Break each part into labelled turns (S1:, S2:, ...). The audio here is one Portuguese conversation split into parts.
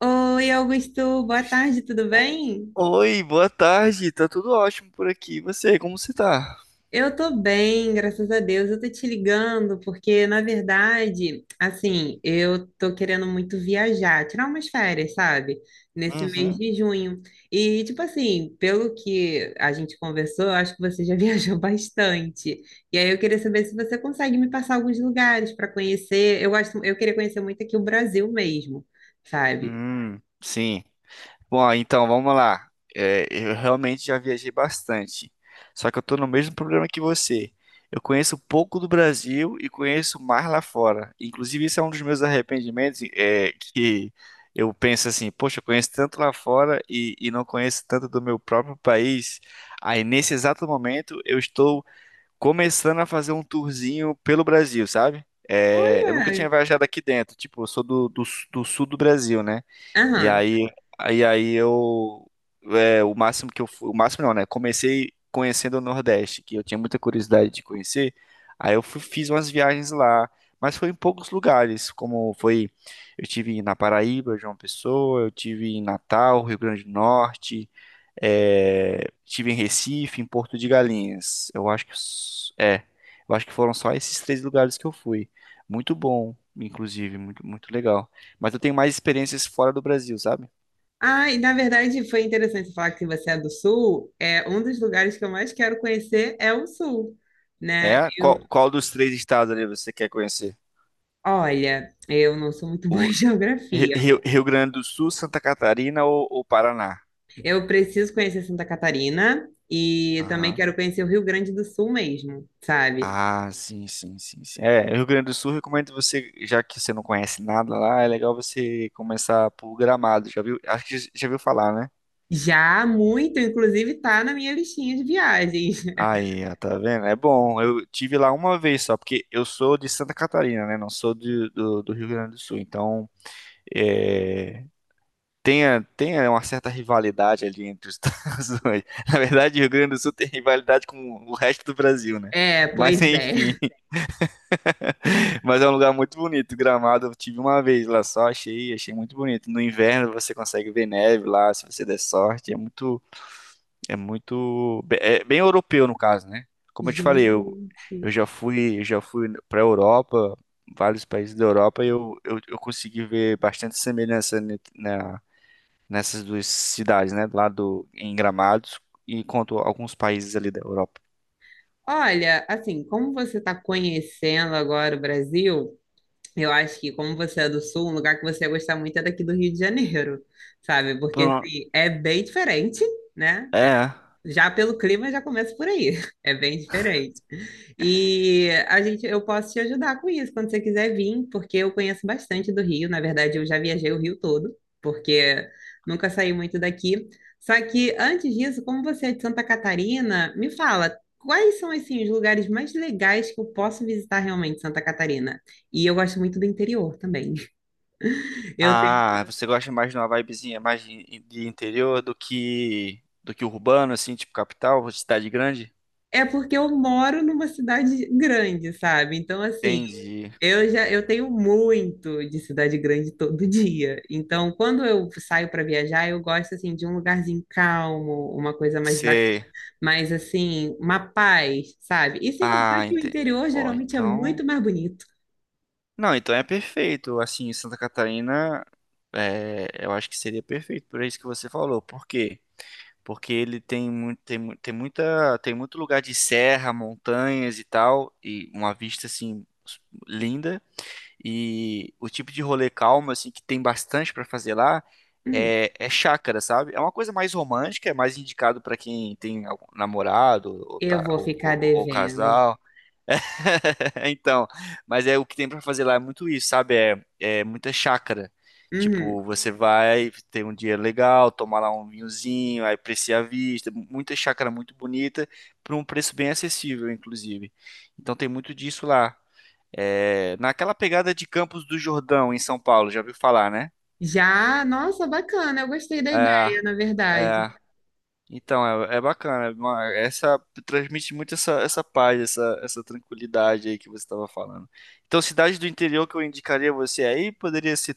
S1: Oi, Augusto, boa tarde, tudo
S2: O-
S1: bem?
S2: Oi, boa tarde. Tá tudo ótimo por aqui. E você, como você tá?
S1: Eu tô bem, graças a Deus. Eu tô te ligando porque, na verdade, assim, eu tô querendo muito viajar, tirar umas férias, sabe? Nesse mês
S2: Uhum.
S1: de junho. E, tipo assim, pelo que a gente conversou, eu acho que você já viajou bastante. E aí eu queria saber se você consegue me passar alguns lugares para conhecer. Eu gosto, eu queria conhecer muito aqui o Brasil mesmo, sabe?
S2: Sim. Bom, então vamos lá. É, eu realmente já viajei bastante. Só que eu tô no mesmo problema que você. Eu conheço pouco do Brasil e conheço mais lá fora. Inclusive, isso é um dos meus arrependimentos, é que eu penso assim, poxa, eu conheço tanto lá fora e não conheço tanto do meu próprio país. Aí, nesse exato momento, eu estou começando a fazer um tourzinho pelo Brasil, sabe? É, eu nunca tinha
S1: Olha,
S2: viajado aqui dentro, tipo, eu sou do sul do Brasil, né? E
S1: aham.
S2: aí, aí eu, é, o máximo que eu fui, o máximo não, né? Comecei conhecendo o Nordeste, que eu tinha muita curiosidade de conhecer, aí eu fiz umas viagens lá, mas foi em poucos lugares, como foi, eu tive na Paraíba, João Pessoa, eu tive em Natal, Rio Grande do Norte, é, tive em Recife, em Porto de Galinhas. Eu acho que foram só esses três lugares que eu fui. Muito bom, inclusive, muito legal. Mas eu tenho mais experiências fora do Brasil, sabe?
S1: Ah, e na verdade foi interessante você falar que você é do Sul. É um dos lugares que eu mais quero conhecer é o Sul, né?
S2: É,
S1: Eu,
S2: qual dos três estados ali você quer conhecer?
S1: olha, eu não sou muito boa em
S2: O
S1: geografia.
S2: Rio, Rio Grande do Sul, Santa Catarina ou Paraná?
S1: Eu preciso conhecer Santa Catarina e também
S2: Aham.
S1: quero conhecer o Rio Grande do Sul mesmo, sabe?
S2: Ah, sim. É, Rio Grande do Sul, recomendo você, já que você não conhece nada lá, é legal você começar por Gramado, já viu? Acho que já viu falar, né?
S1: Já muito, inclusive, tá na minha listinha de viagens.
S2: Aí, ó, tá vendo? É bom. Eu tive lá uma vez só, porque eu sou de Santa Catarina, né? Não sou do Rio Grande do Sul. Então, é, uma certa rivalidade ali entre os estados. Dois. Na verdade, o Rio Grande do Sul tem rivalidade com o resto do Brasil, né?
S1: É,
S2: Mas,
S1: pois é.
S2: enfim. Mas é um lugar muito bonito. Gramado, eu tive uma vez lá só, achei muito bonito. No inverno, você consegue ver neve lá, se você der sorte. É muito. É bem europeu, no caso, né? Como eu te falei, eu,
S1: Gente.
S2: eu já fui para Europa, vários países da Europa, e eu consegui ver bastante semelhança na, nessas duas cidades, né? Lá do, em Gramados e quanto a alguns países ali da Europa.
S1: Olha, assim, como você está conhecendo agora o Brasil? Eu acho que, como você é do Sul, um lugar que você ia gostar muito é daqui do Rio de Janeiro, sabe? Porque,
S2: Pronto.
S1: assim, é bem diferente, né?
S2: É.
S1: Já pelo clima já começa por aí, é bem diferente. E a gente, eu posso te ajudar com isso quando você quiser vir, porque eu conheço bastante do Rio. Na verdade, eu já viajei o Rio todo, porque nunca saí muito daqui. Só que antes disso, como você é de Santa Catarina, me fala quais são assim os lugares mais legais que eu posso visitar realmente em Santa Catarina? E eu gosto muito do interior também. Eu
S2: Ah, você gosta mais de uma vibezinha mais de interior do que urbano, assim, tipo capital, cidade grande?
S1: É porque eu moro numa cidade grande, sabe? Então, assim,
S2: Entendi.
S1: eu já eu tenho muito de cidade grande todo dia. Então, quando eu saio para viajar, eu gosto assim de um lugarzinho calmo, uma coisa mais bacana,
S2: Você.
S1: mais assim, uma paz, sabe? E sem contar
S2: Ah,
S1: que o
S2: entendi.
S1: interior
S2: Bom,
S1: geralmente é
S2: então.
S1: muito mais bonito.
S2: Não, então é perfeito. Assim, Santa Catarina, é, eu acho que seria perfeito por isso que você falou. Por quê? Porque ele tem muito, tem, mu- tem muita, tem muito lugar de serra, montanhas e tal, e uma vista assim linda. E o tipo de rolê calmo assim que tem bastante para fazer lá
S1: Hum,
S2: é, é chácara, sabe? É uma coisa mais romântica, é mais indicado para quem tem algum namorado ou,
S1: eu
S2: tá,
S1: vou
S2: ou,
S1: ficar
S2: ou ou
S1: devendo.
S2: casal. É, então, mas é o que tem pra fazer lá é muito isso, sabe? É, é muita chácara.
S1: Uhum.
S2: Tipo, você vai ter um dia legal, tomar lá um vinhozinho, aí apreciar a vista, muita chácara muito bonita, por um preço bem acessível, inclusive. Então tem muito disso lá. É, naquela pegada de Campos do Jordão, em São Paulo, já ouviu falar, né?
S1: Já, nossa, bacana, eu gostei da
S2: É,
S1: ideia, na verdade.
S2: é, Então, é bacana. Essa transmite muito essa, essa paz, essa tranquilidade aí que você estava falando. Então, cidade do interior que eu indicaria você aí poderia ser,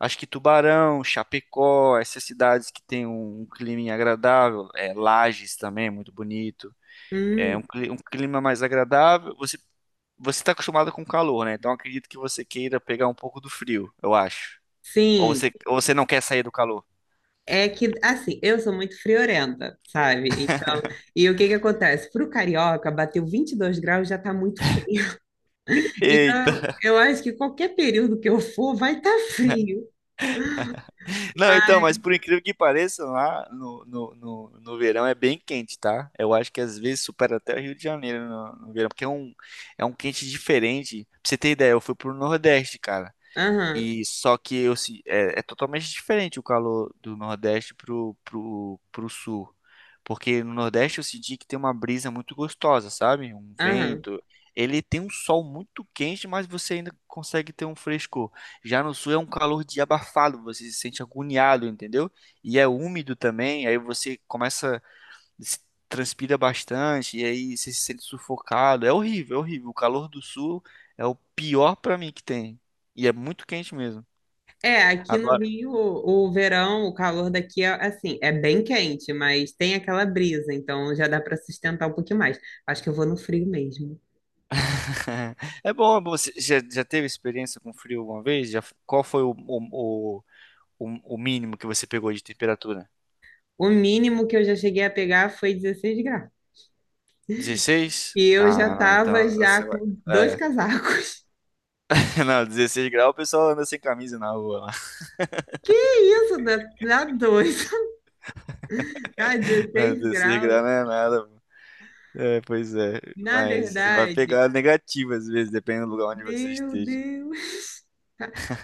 S2: acho que Tubarão, Chapecó, essas cidades que tem um clima agradável. É, Lages também, é muito bonito. É
S1: Hum,
S2: um, um clima mais agradável. Você está acostumado com calor, né? Então, acredito que você queira pegar um pouco do frio, eu acho.
S1: sim.
S2: Ou você não quer sair do calor?
S1: É que, assim, eu sou muito friorenta, sabe? Então, e o que que acontece? Pro carioca, bateu 22 graus já tá muito frio. Então,
S2: Eita!
S1: eu acho que qualquer período que eu for, vai estar frio.
S2: Não, então, mas por incrível que pareça, lá no verão é bem quente, tá? Eu acho que às vezes supera até o Rio de Janeiro no verão, porque é um quente diferente. Pra você ter ideia, eu fui pro Nordeste, cara.
S1: Aham,
S2: E só que eu, se- é, é totalmente diferente o calor do Nordeste pro Sul. Porque no Nordeste eu senti que tem uma brisa muito gostosa, sabe? Um
S1: aham.
S2: vento. Ele tem um sol muito quente, mas você ainda consegue ter um frescor. Já no Sul é um calor de abafado, você se sente agoniado, entendeu? E é úmido também, aí você começa se transpira bastante, e aí você se sente sufocado. É horrível, é horrível. O calor do sul é o pior pra mim que tem. E é muito quente mesmo.
S1: É, aqui no
S2: Agora,
S1: Rio, o verão, o calor daqui é, assim, é bem quente, mas tem aquela brisa, então já dá para sustentar um pouquinho mais. Acho que eu vou no frio mesmo.
S2: é bom, é bom. Você já teve experiência com frio alguma vez? Já, qual foi o mínimo que você pegou de temperatura?
S1: O mínimo que eu já cheguei a pegar foi 16 graus.
S2: Dezesseis.
S1: E eu já
S2: Ah, não, então
S1: tava já
S2: você vai.
S1: com dois
S2: É.
S1: casacos.
S2: Não, 16 graus o pessoal anda sem camisa na rua lá.
S1: Que isso, dá, dá dois. Ai,
S2: Não,
S1: 16
S2: 16 graus
S1: graus.
S2: não é nada. É, pois é.
S1: Na
S2: Mas você vai
S1: verdade,
S2: pegar negativo às vezes, dependendo do lugar onde você
S1: meu
S2: esteja.
S1: Deus.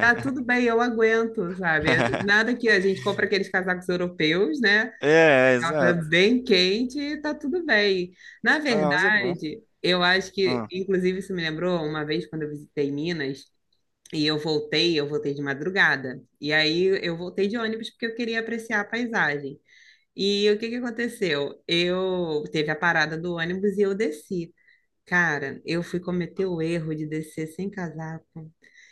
S1: Tá tudo bem, eu aguento, sabe? Nada que a gente compra aqueles casacos europeus, né? Aquela coisa
S2: Exato.
S1: bem quente e tá tudo bem. Na
S2: Ah, mas é bom.
S1: verdade, eu acho que,
S2: Ah,
S1: inclusive, isso me lembrou uma vez quando eu visitei Minas e eu voltei de madrugada. E aí eu voltei de ônibus porque eu queria apreciar a paisagem. E o que que aconteceu? Eu teve a parada do ônibus e eu desci. Cara, eu fui cometer o erro de descer sem casaco.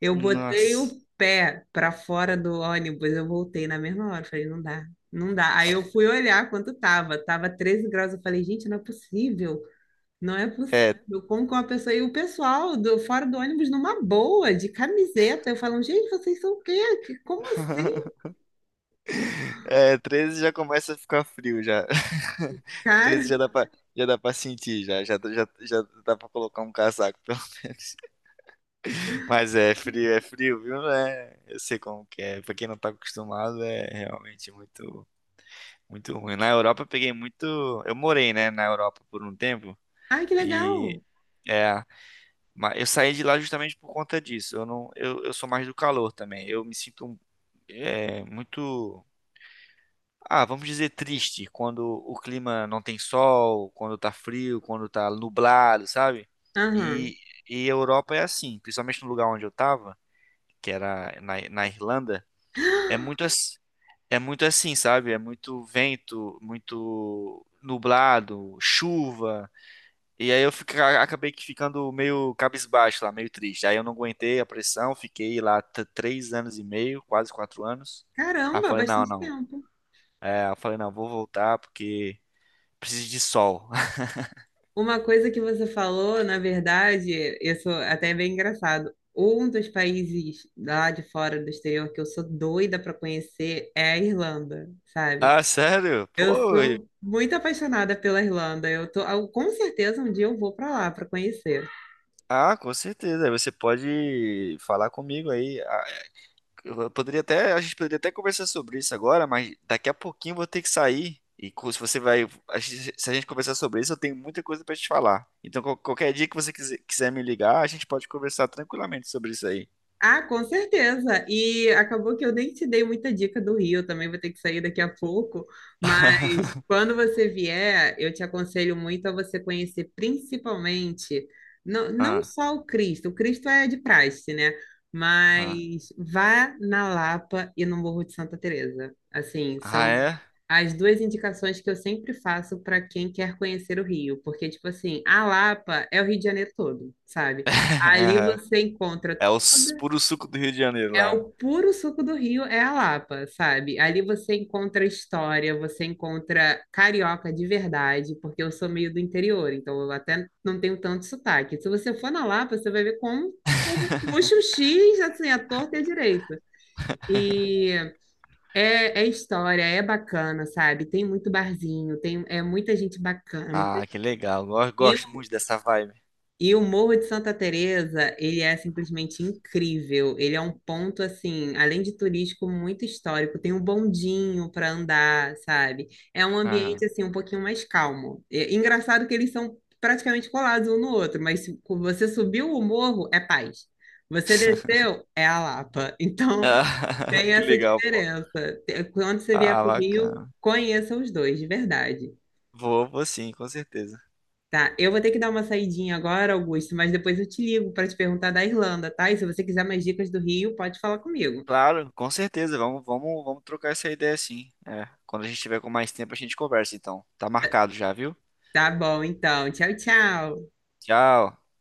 S1: Eu botei o
S2: nossa.
S1: pé para fora do ônibus, eu voltei na mesma hora, falei, não dá, não dá. Aí eu fui olhar quanto tava, tava 13 graus, eu falei, gente, não é possível. Não é
S2: É,
S1: possível. Como que uma pessoa e o pessoal do fora do ônibus numa boa, de camiseta, eu falo, gente, vocês são o quê? Como assim,
S2: é, 13 já começa a ficar frio já.
S1: cara?
S2: Treze já dá pra sentir, já dá pra colocar um casaco, pelo menos. Mas é frio, viu? É, eu sei como que é. Pra quem não tá acostumado, é realmente muito, muito ruim. Na Europa eu peguei muito. Eu morei, né, na Europa por um tempo.
S1: Ai, que
S2: E.
S1: legal.
S2: É, mas eu saí de lá justamente por conta disso. Eu não, eu sou mais do calor também. Eu me sinto é, muito, ah, vamos dizer triste quando o clima não tem sol, quando tá frio, quando tá nublado, sabe?
S1: Aham.
S2: E, e a Europa é assim, principalmente no lugar onde eu tava, que era na Irlanda, é muito, é muito assim, sabe? É muito vento, muito nublado, chuva. E aí acabei que ficando meio cabisbaixo lá, meio triste. Aí eu não aguentei a pressão, fiquei lá três anos e meio, quase quatro anos. Aí eu
S1: Caramba,
S2: falei, não,
S1: bastante
S2: não.
S1: tempo.
S2: É, eu falei, não, vou voltar porque preciso de sol.
S1: Uma coisa que você falou, na verdade, isso até é bem engraçado. Um dos países lá de fora do exterior que eu sou doida para conhecer é a Irlanda, sabe?
S2: Ah, sério?
S1: Eu
S2: Pô,
S1: sou muito apaixonada pela Irlanda. Eu tô, ah, com certeza um dia eu vou para lá para conhecer.
S2: ah, com certeza. Aí você pode falar comigo aí. Eu poderia até, a gente poderia até conversar sobre isso agora, mas daqui a pouquinho eu vou ter que sair. E se você vai, se a gente conversar sobre isso, eu tenho muita coisa pra te falar. Então, qualquer dia que você quiser me ligar, a gente pode conversar tranquilamente sobre isso aí.
S1: Ah, com certeza. E acabou que eu nem te dei muita dica do Rio, também vou ter que sair daqui a pouco, mas quando você vier, eu te aconselho muito a você conhecer principalmente, não, não
S2: Ah,
S1: só o Cristo é de praxe, né?
S2: ah,
S1: Mas vá na Lapa e no Morro de Santa Teresa. Assim, são
S2: é?
S1: as duas indicações que eu sempre faço para quem quer conhecer o Rio, porque tipo assim, a Lapa é o Rio de Janeiro todo, sabe? Ali você encontra
S2: É o puro suco do Rio de Janeiro
S1: é
S2: lá.
S1: o puro suco do Rio, é a Lapa, sabe? Ali você encontra história, você encontra carioca de verdade, porque eu sou meio do interior, então eu até não tenho tanto sotaque. Se você for na Lapa, você vai ver como puxa o X, assim, a torta e a direita. E é, é história, é bacana, sabe? Tem muito barzinho, tem é muita gente bacana.
S2: Ah, que legal. Eu
S1: E
S2: gosto muito dessa vibe.
S1: e o Morro de Santa Teresa, ele é simplesmente incrível. Ele é um ponto assim, além de turístico, muito histórico. Tem um bondinho para andar, sabe? É um ambiente
S2: Aham.
S1: assim um pouquinho mais calmo. É engraçado que eles são praticamente colados um no outro, mas se você subiu o morro é paz. Você desceu é a Lapa. Então
S2: Ah,
S1: tem
S2: que
S1: essa
S2: legal, pô.
S1: diferença. Quando você vier
S2: Ah,
S1: para o Rio,
S2: bacana.
S1: conheça os dois, de verdade.
S2: Vou sim, com certeza.
S1: Tá, eu vou ter que dar uma saidinha agora, Augusto, mas depois eu te ligo para te perguntar da Irlanda, tá? E se você quiser mais dicas do Rio, pode falar comigo.
S2: Claro, com certeza. Vamos trocar essa ideia sim. É, quando a gente tiver com mais tempo, a gente conversa, então. Tá marcado já, viu?
S1: Tá bom, então. Tchau, tchau.
S2: Tchau.